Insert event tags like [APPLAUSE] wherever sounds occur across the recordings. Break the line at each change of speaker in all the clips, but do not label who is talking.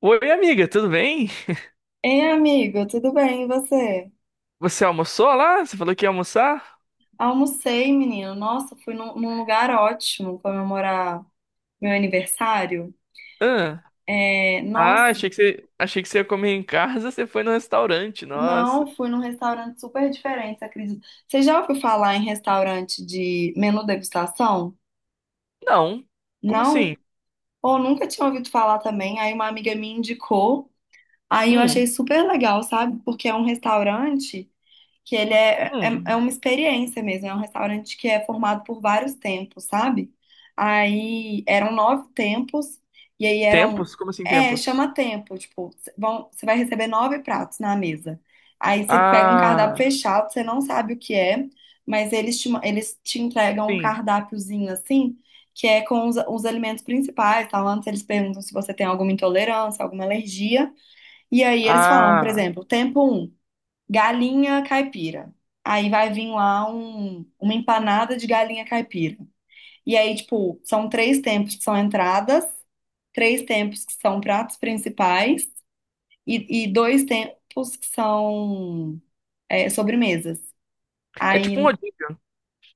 Oi, amiga, tudo bem?
Ei, amigo, tudo bem? E você?
Você almoçou lá? Você falou que ia almoçar?
Almocei, menino. Nossa, fui num lugar ótimo comemorar meu aniversário.
Ah,
É,
ah,
nossa,
achei que você ia comer em casa, você foi no restaurante,
não,
nossa.
Fui num restaurante super diferente, você acredita? Você já ouviu falar em restaurante de menu degustação?
Não. Como assim?
Não? Ou nunca tinha ouvido falar também. Aí uma amiga me indicou. Aí eu
Hum,
achei super legal, sabe? Porque é um restaurante. Que ele é
hum.
uma experiência mesmo, é um restaurante que é formado por vários tempos, sabe? Aí eram 9 tempos, e aí
Tempos? Como assim tempos?
chama tempo, tipo, vão, você vai receber 9 pratos na mesa. Aí você pega um cardápio
Ah,
fechado, você não sabe o que é, mas eles eles te entregam um
sim.
cardápiozinho assim, que é com os alimentos principais, tá? Antes eles perguntam se você tem alguma intolerância, alguma alergia, e aí eles falam, por
Ah.
exemplo, tempo um galinha caipira. Aí vai vir lá uma empanada de galinha caipira. E aí, tipo, são três tempos que são entradas, três tempos que são pratos principais e dois tempos que são sobremesas.
É tipo um
Aí,
rodízio.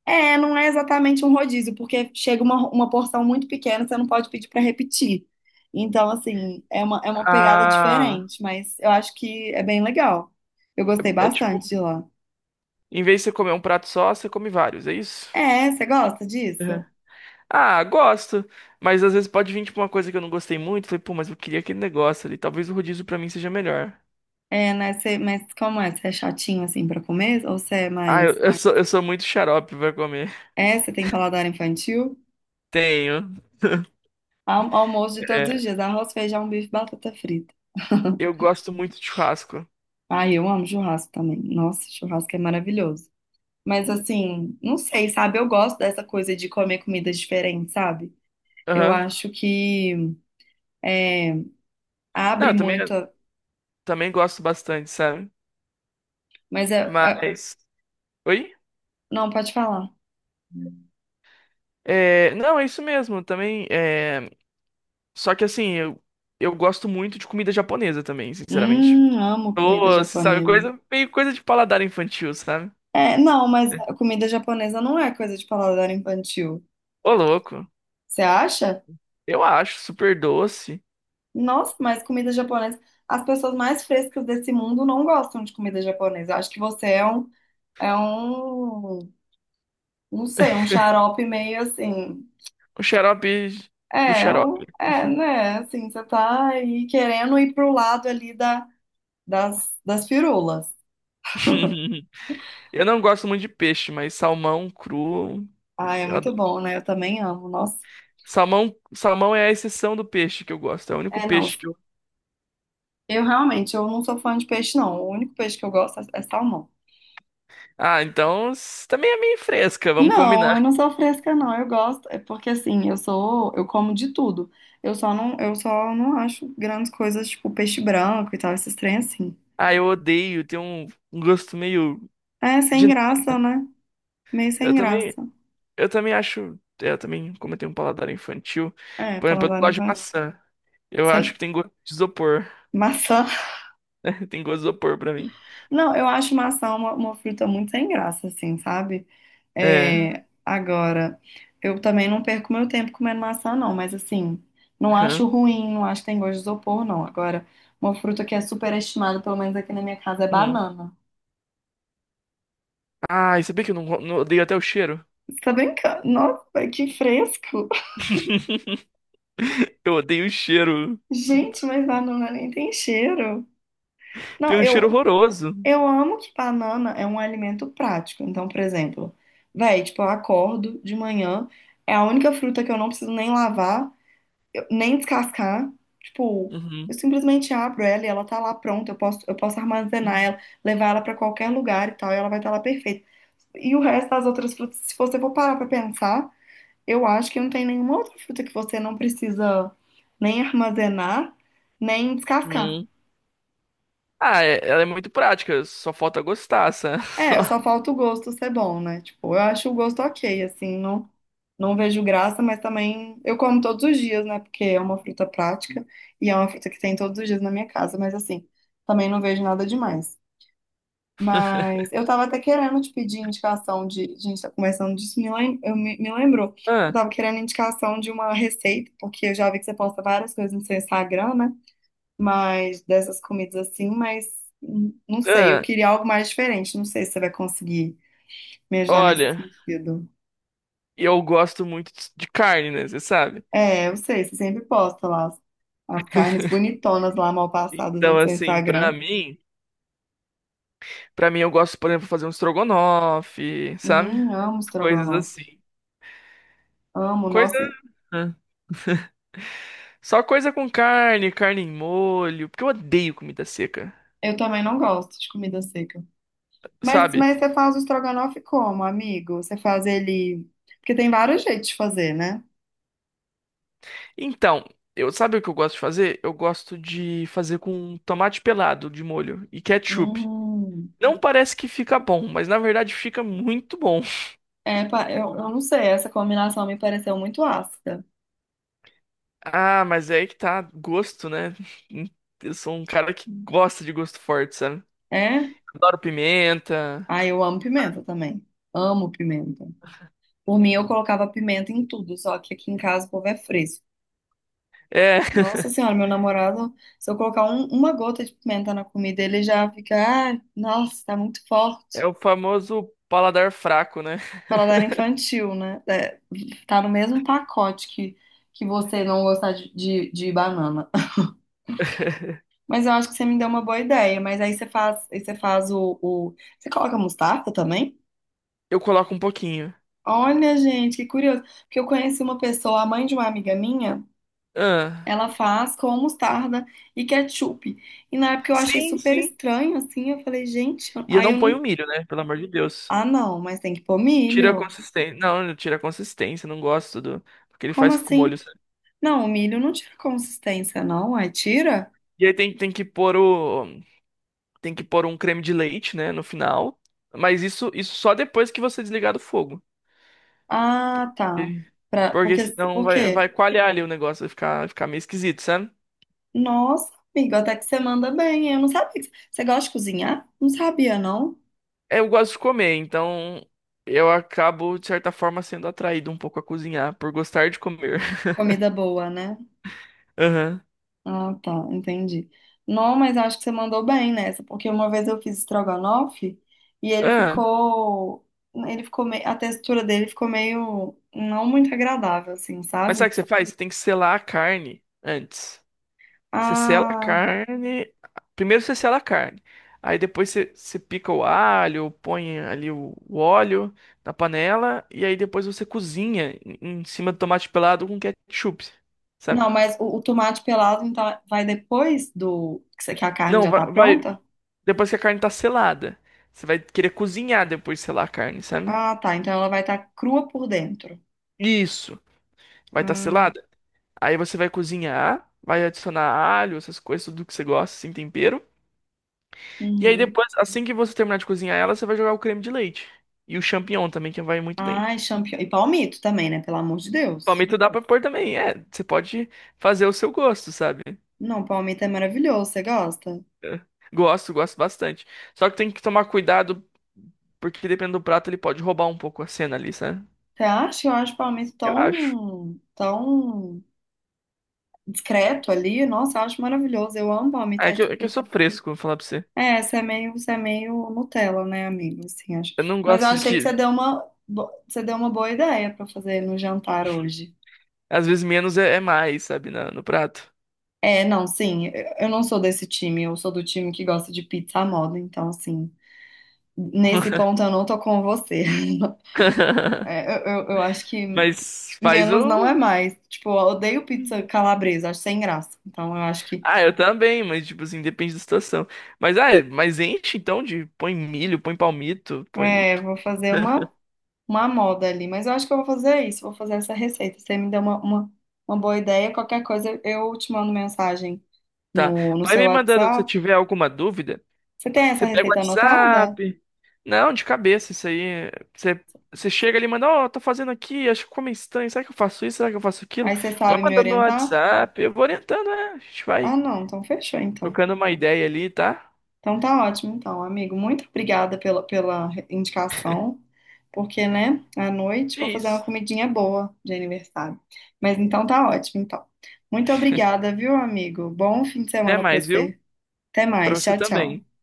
é, não é exatamente um rodízio, porque chega uma porção muito pequena, você não pode pedir para repetir. Então, assim, é uma pegada
Ah.
diferente, mas eu acho que é bem legal. Eu gostei
É
bastante
tipo,
de lá.
em vez de você comer um prato só, você come vários, é isso?
É, você gosta
Uhum.
disso?
Ah, gosto. Mas às vezes pode vir tipo uma coisa que eu não gostei muito. Falei, pô, mas eu queria aquele negócio ali. Talvez o rodízio pra mim seja melhor.
É, né? Você, mas como é? Você é chatinho assim pra comer? Ou você é
Ah, eu,
mais.
eu sou, eu sou muito xarope pra comer.
É, você tem paladar infantil?
Tenho.
Almoço de todos os
É,
dias: arroz, feijão, bife, batata frita.
eu
[LAUGHS]
gosto muito de churrasco.
Ai, eu amo churrasco também. Nossa, churrasco é maravilhoso. Mas assim, não sei, sabe? Eu gosto dessa coisa de comer comidas diferentes, sabe? Eu
Aham.
acho que é,
Não,
abre
eu também,
muito.
também gosto bastante, sabe?
Mas
Mas. Oi?
não, pode falar.
É, não, é isso mesmo, também. Só que assim, eu gosto muito de comida japonesa também, sinceramente.
Amo comida
Doce, sabe?
japonesa.
Coisa, meio coisa de paladar infantil, sabe?
É, não, mas a comida japonesa não é coisa de paladar infantil.
Ô, louco.
Você acha?
Eu acho super doce.
Nossa, mas comida japonesa. As pessoas mais frescas desse mundo não gostam de comida japonesa. Acho que você é um, não sei, um xarope meio assim.
O xarope do xarope.
Né? Assim, você tá aí querendo ir pro lado ali das firulas.
[LAUGHS] Eu não gosto muito de peixe, mas salmão cru,
Ah, é
eu.
muito bom, né? Eu também amo. Nossa,
Salmão, salmão é a exceção do peixe que eu gosto. É o único
é, não.
peixe que eu.
Eu realmente, eu não sou fã de peixe, não. O único peixe que eu gosto é salmão.
Ah, então s- também é meio fresca, vamos
Não,
combinar.
eu não sou fresca, não. Eu gosto, é porque assim, eu como de tudo. Eu só não acho grandes coisas tipo peixe branco e tal, esses trem assim.
Ah, eu odeio, tem um, um gosto meio
É,
de.
sem graça, né? Meio sem
Eu também,
graça.
eu também acho. Eu também, como eu tenho um paladar infantil,
É,
por exemplo, eu não
paladar
gosto de
infantil.
maçã. Eu acho
Você-
que tem gosto de isopor.
Maçã. [LAUGHS]
[LAUGHS] Tem gosto de isopor pra mim.
Não, eu acho maçã uma fruta muito sem graça, assim, sabe?
É.
É, agora, eu também não perco meu tempo comendo maçã, não, mas assim, não acho
Aham,
ruim, não acho que tem gosto de isopor, não. Agora, uma fruta que é super estimada pelo menos aqui na minha casa, é
uhum.
banana.
Ah, e sabia que eu não, não odeio até o cheiro?
Você tá brincando? Nossa, que fresco!
[LAUGHS] Eu odeio o cheiro.
[LAUGHS] Gente, mas banana nem tem cheiro.
Tem
Não,
um cheiro horroroso.
eu amo que banana é um alimento prático. Então, por exemplo, véi, tipo, eu acordo de manhã, é a única fruta que eu não preciso nem lavar. Nem descascar. Tipo, eu
Uhum.
simplesmente abro ela e ela tá lá pronta. Eu posso armazenar ela, levar ela pra qualquer lugar e tal, e ela vai estar lá perfeita. E o resto das outras frutas, se você for parar pra pensar, eu acho que não tem nenhuma outra fruta que você não precisa nem armazenar, nem descascar.
Uhum. Ah, é- ela é muito prática, só falta gostar, sabe?
É, só
[LAUGHS]
falta o gosto ser bom, né? Tipo, eu acho o gosto ok, não vejo graça, mas também eu como todos os dias, né? Porque é uma fruta prática e é uma fruta que tem todos os dias na minha casa, mas assim, também não vejo nada demais. Mas eu tava até querendo te pedir indicação de. A gente tá conversando disso, me lembrou. Eu
Ah,
tava querendo indicação de uma receita, porque eu já vi que você posta várias coisas no seu Instagram, né? Mas dessas comidas assim, mas não sei, eu
ah,
queria algo mais diferente, não sei se você vai conseguir me ajudar nesse
olha,
sentido.
eu gosto muito de carne, né? Você sabe?
É, eu sei, você sempre posta lá as carnes bonitonas lá mal passadas
Então,
no seu
assim,
Instagram.
pra mim eu gosto, por exemplo, de fazer um estrogonofe, sabe?
Amo
Coisas
estrogonofe.
assim.
Amo,
Coisa.
nossa.
Ah, só coisa com carne, carne em molho, porque eu odeio comida seca,
Eu também não gosto de comida seca.
sabe?
Mas você faz o estrogonofe como, amigo? Você faz ele. Porque tem vários jeitos de fazer, né?
Então, eu sabe o que eu gosto de fazer? Eu gosto de fazer com tomate pelado de molho e ketchup.
Hum.
Não parece que fica bom, mas na verdade fica muito bom.
É, eu não sei, essa combinação me pareceu muito ácida.
Ah, mas é aí que tá, gosto, né? Eu sou um cara que gosta de gosto forte, sabe?
É?
Adoro pimenta.
Ah, eu amo pimenta também. Amo pimenta. Por mim, eu colocava pimenta em tudo, só que aqui em casa o povo é fresco.
É, [LAUGHS]
Nossa senhora, meu namorado, se eu colocar uma gota de pimenta na comida, ele já fica, ah, nossa, tá muito
é
forte.
o famoso paladar fraco, né?
Paladar infantil, né? É, tá no mesmo pacote que você não gostar de banana. [LAUGHS] Mas eu acho que você me deu uma boa ideia. Mas aí você faz você coloca mostarda também?
Eu coloco um pouquinho.
Olha, gente, que curioso. Porque eu conheci uma pessoa, a mãe de uma amiga minha,
Ah,
ela faz com mostarda e ketchup. E na época eu achei
sim,
super
sim.
estranho, assim, eu falei, gente,
E eu
aí
não
eu
ponho
não.
milho, né? Pelo amor de Deus.
Ah, não, mas tem que pôr
Tira a
milho.
consistência. Não, tira a consistência, não gosto do, do que ele
Como
faz com o molho,
assim?
sabe?
Não, o milho não tira consistência, não. Aí tira?
E aí tem, tem que pôr um creme de leite, né, no final. Mas isso só depois que você desligar do fogo.
Ah, tá.
E-
Pra,
porque
porque,
senão
por
vai,
quê?
vai coalhar ali o negócio, vai ficar meio esquisito, sabe?
Nossa, amigo, até que você manda bem. Eu não sabia. Você gosta de cozinhar? Não sabia, não.
É, eu gosto de comer, então eu acabo, de certa forma, sendo atraído um pouco a cozinhar, por gostar de comer. [LAUGHS]
Comida boa, né?
Aham.
Ah, tá, entendi. Não, mas acho que você mandou bem nessa, porque uma vez eu fiz estrogonofe e
Ah,
ele ficou meio, a textura dele ficou meio não muito agradável, assim,
mas sabe o que
sabe?
você faz? Você tem que selar a carne antes. Você sela a
Ah.
carne. Primeiro você sela a carne. Aí depois você, você pica o alho, põe ali o óleo na panela. E aí depois você cozinha em, em cima do tomate pelado com ketchup. Sabe?
Não, mas o tomate pelado então vai depois do que que a carne
Não,
já tá pronta?
depois que a carne tá selada. Você vai querer cozinhar depois de selar a carne, sabe?
Ah, tá. Então ela vai estar crua por dentro.
Isso. Vai estar tá
Hum,
selada. Aí você vai cozinhar. Vai adicionar alho, essas coisas, tudo que você gosta, assim, tempero. E aí
uhum.
depois, assim que você terminar de cozinhar ela, você vai jogar o creme de leite. E o champignon também, que vai muito bem.
Ai, champignon. E palmito também, né? Pelo amor de Deus.
Palmito dá pra pôr também, é. Você pode fazer o seu gosto, sabe?
Não, palmito é maravilhoso. Você gosta?
É. Gosto, gosto bastante. Só que tem que tomar cuidado, porque dependendo do prato, ele pode roubar um pouco a cena ali, sabe?
Você acha? Eu acho palmito
Eu acho.
tão discreto ali. Nossa, eu acho maravilhoso. Eu amo
Ah,
palmito.
é
É
que eu, é que eu
tipo.
sou fresco, vou falar pra você.
É, você é meio Nutella, né, amigo? Assim, acho.
Eu não
Mas eu
gosto de
achei que você
que,
deu você deu uma boa ideia pra fazer no jantar hoje.
às vezes, menos é mais, sabe, no prato.
É, não, sim, eu não sou desse time, eu sou do time que gosta de pizza à moda, então, assim, nesse ponto eu não tô com você. [LAUGHS]
[LAUGHS]
É, eu acho que
Mas faz
menos não é
o.
mais. Tipo, eu odeio pizza calabresa, acho sem graça. Então, eu acho que,
Ah, eu também, mas tipo assim, depende da situação. Mas ah, é, mas enche então de põe milho, põe palmito, põe
é, vou fazer uma moda ali, mas eu acho que eu vou fazer isso, vou fazer essa receita. Você me deu uma boa ideia, qualquer coisa eu te mando mensagem
tá.
no
Vai
seu
me mandando se
WhatsApp.
tiver alguma dúvida.
Você tem essa
Você pega o
receita anotada?
WhatsApp. Não, de cabeça isso aí. Você você chega ali e manda, ó, tô fazendo aqui, acho que ficou meio estranho. Será que eu faço isso? Será que eu faço aquilo?
Aí você
Vai
sabe me
mandando no
orientar?
WhatsApp, eu vou orientando, né? A gente
Ah,
vai
não, então fechou, então.
trocando uma ideia ali, tá?
Então tá ótimo, então, amigo. Muito obrigada pela indicação, porque, né, à noite
É
vou fazer uma
isso.
comidinha boa de aniversário. Mas então tá ótimo, então. Muito obrigada, viu, amigo? Bom fim de
Até
semana pra
mais, viu?
você. Até
Pra
mais.
você
Tchau,
também.
tchau.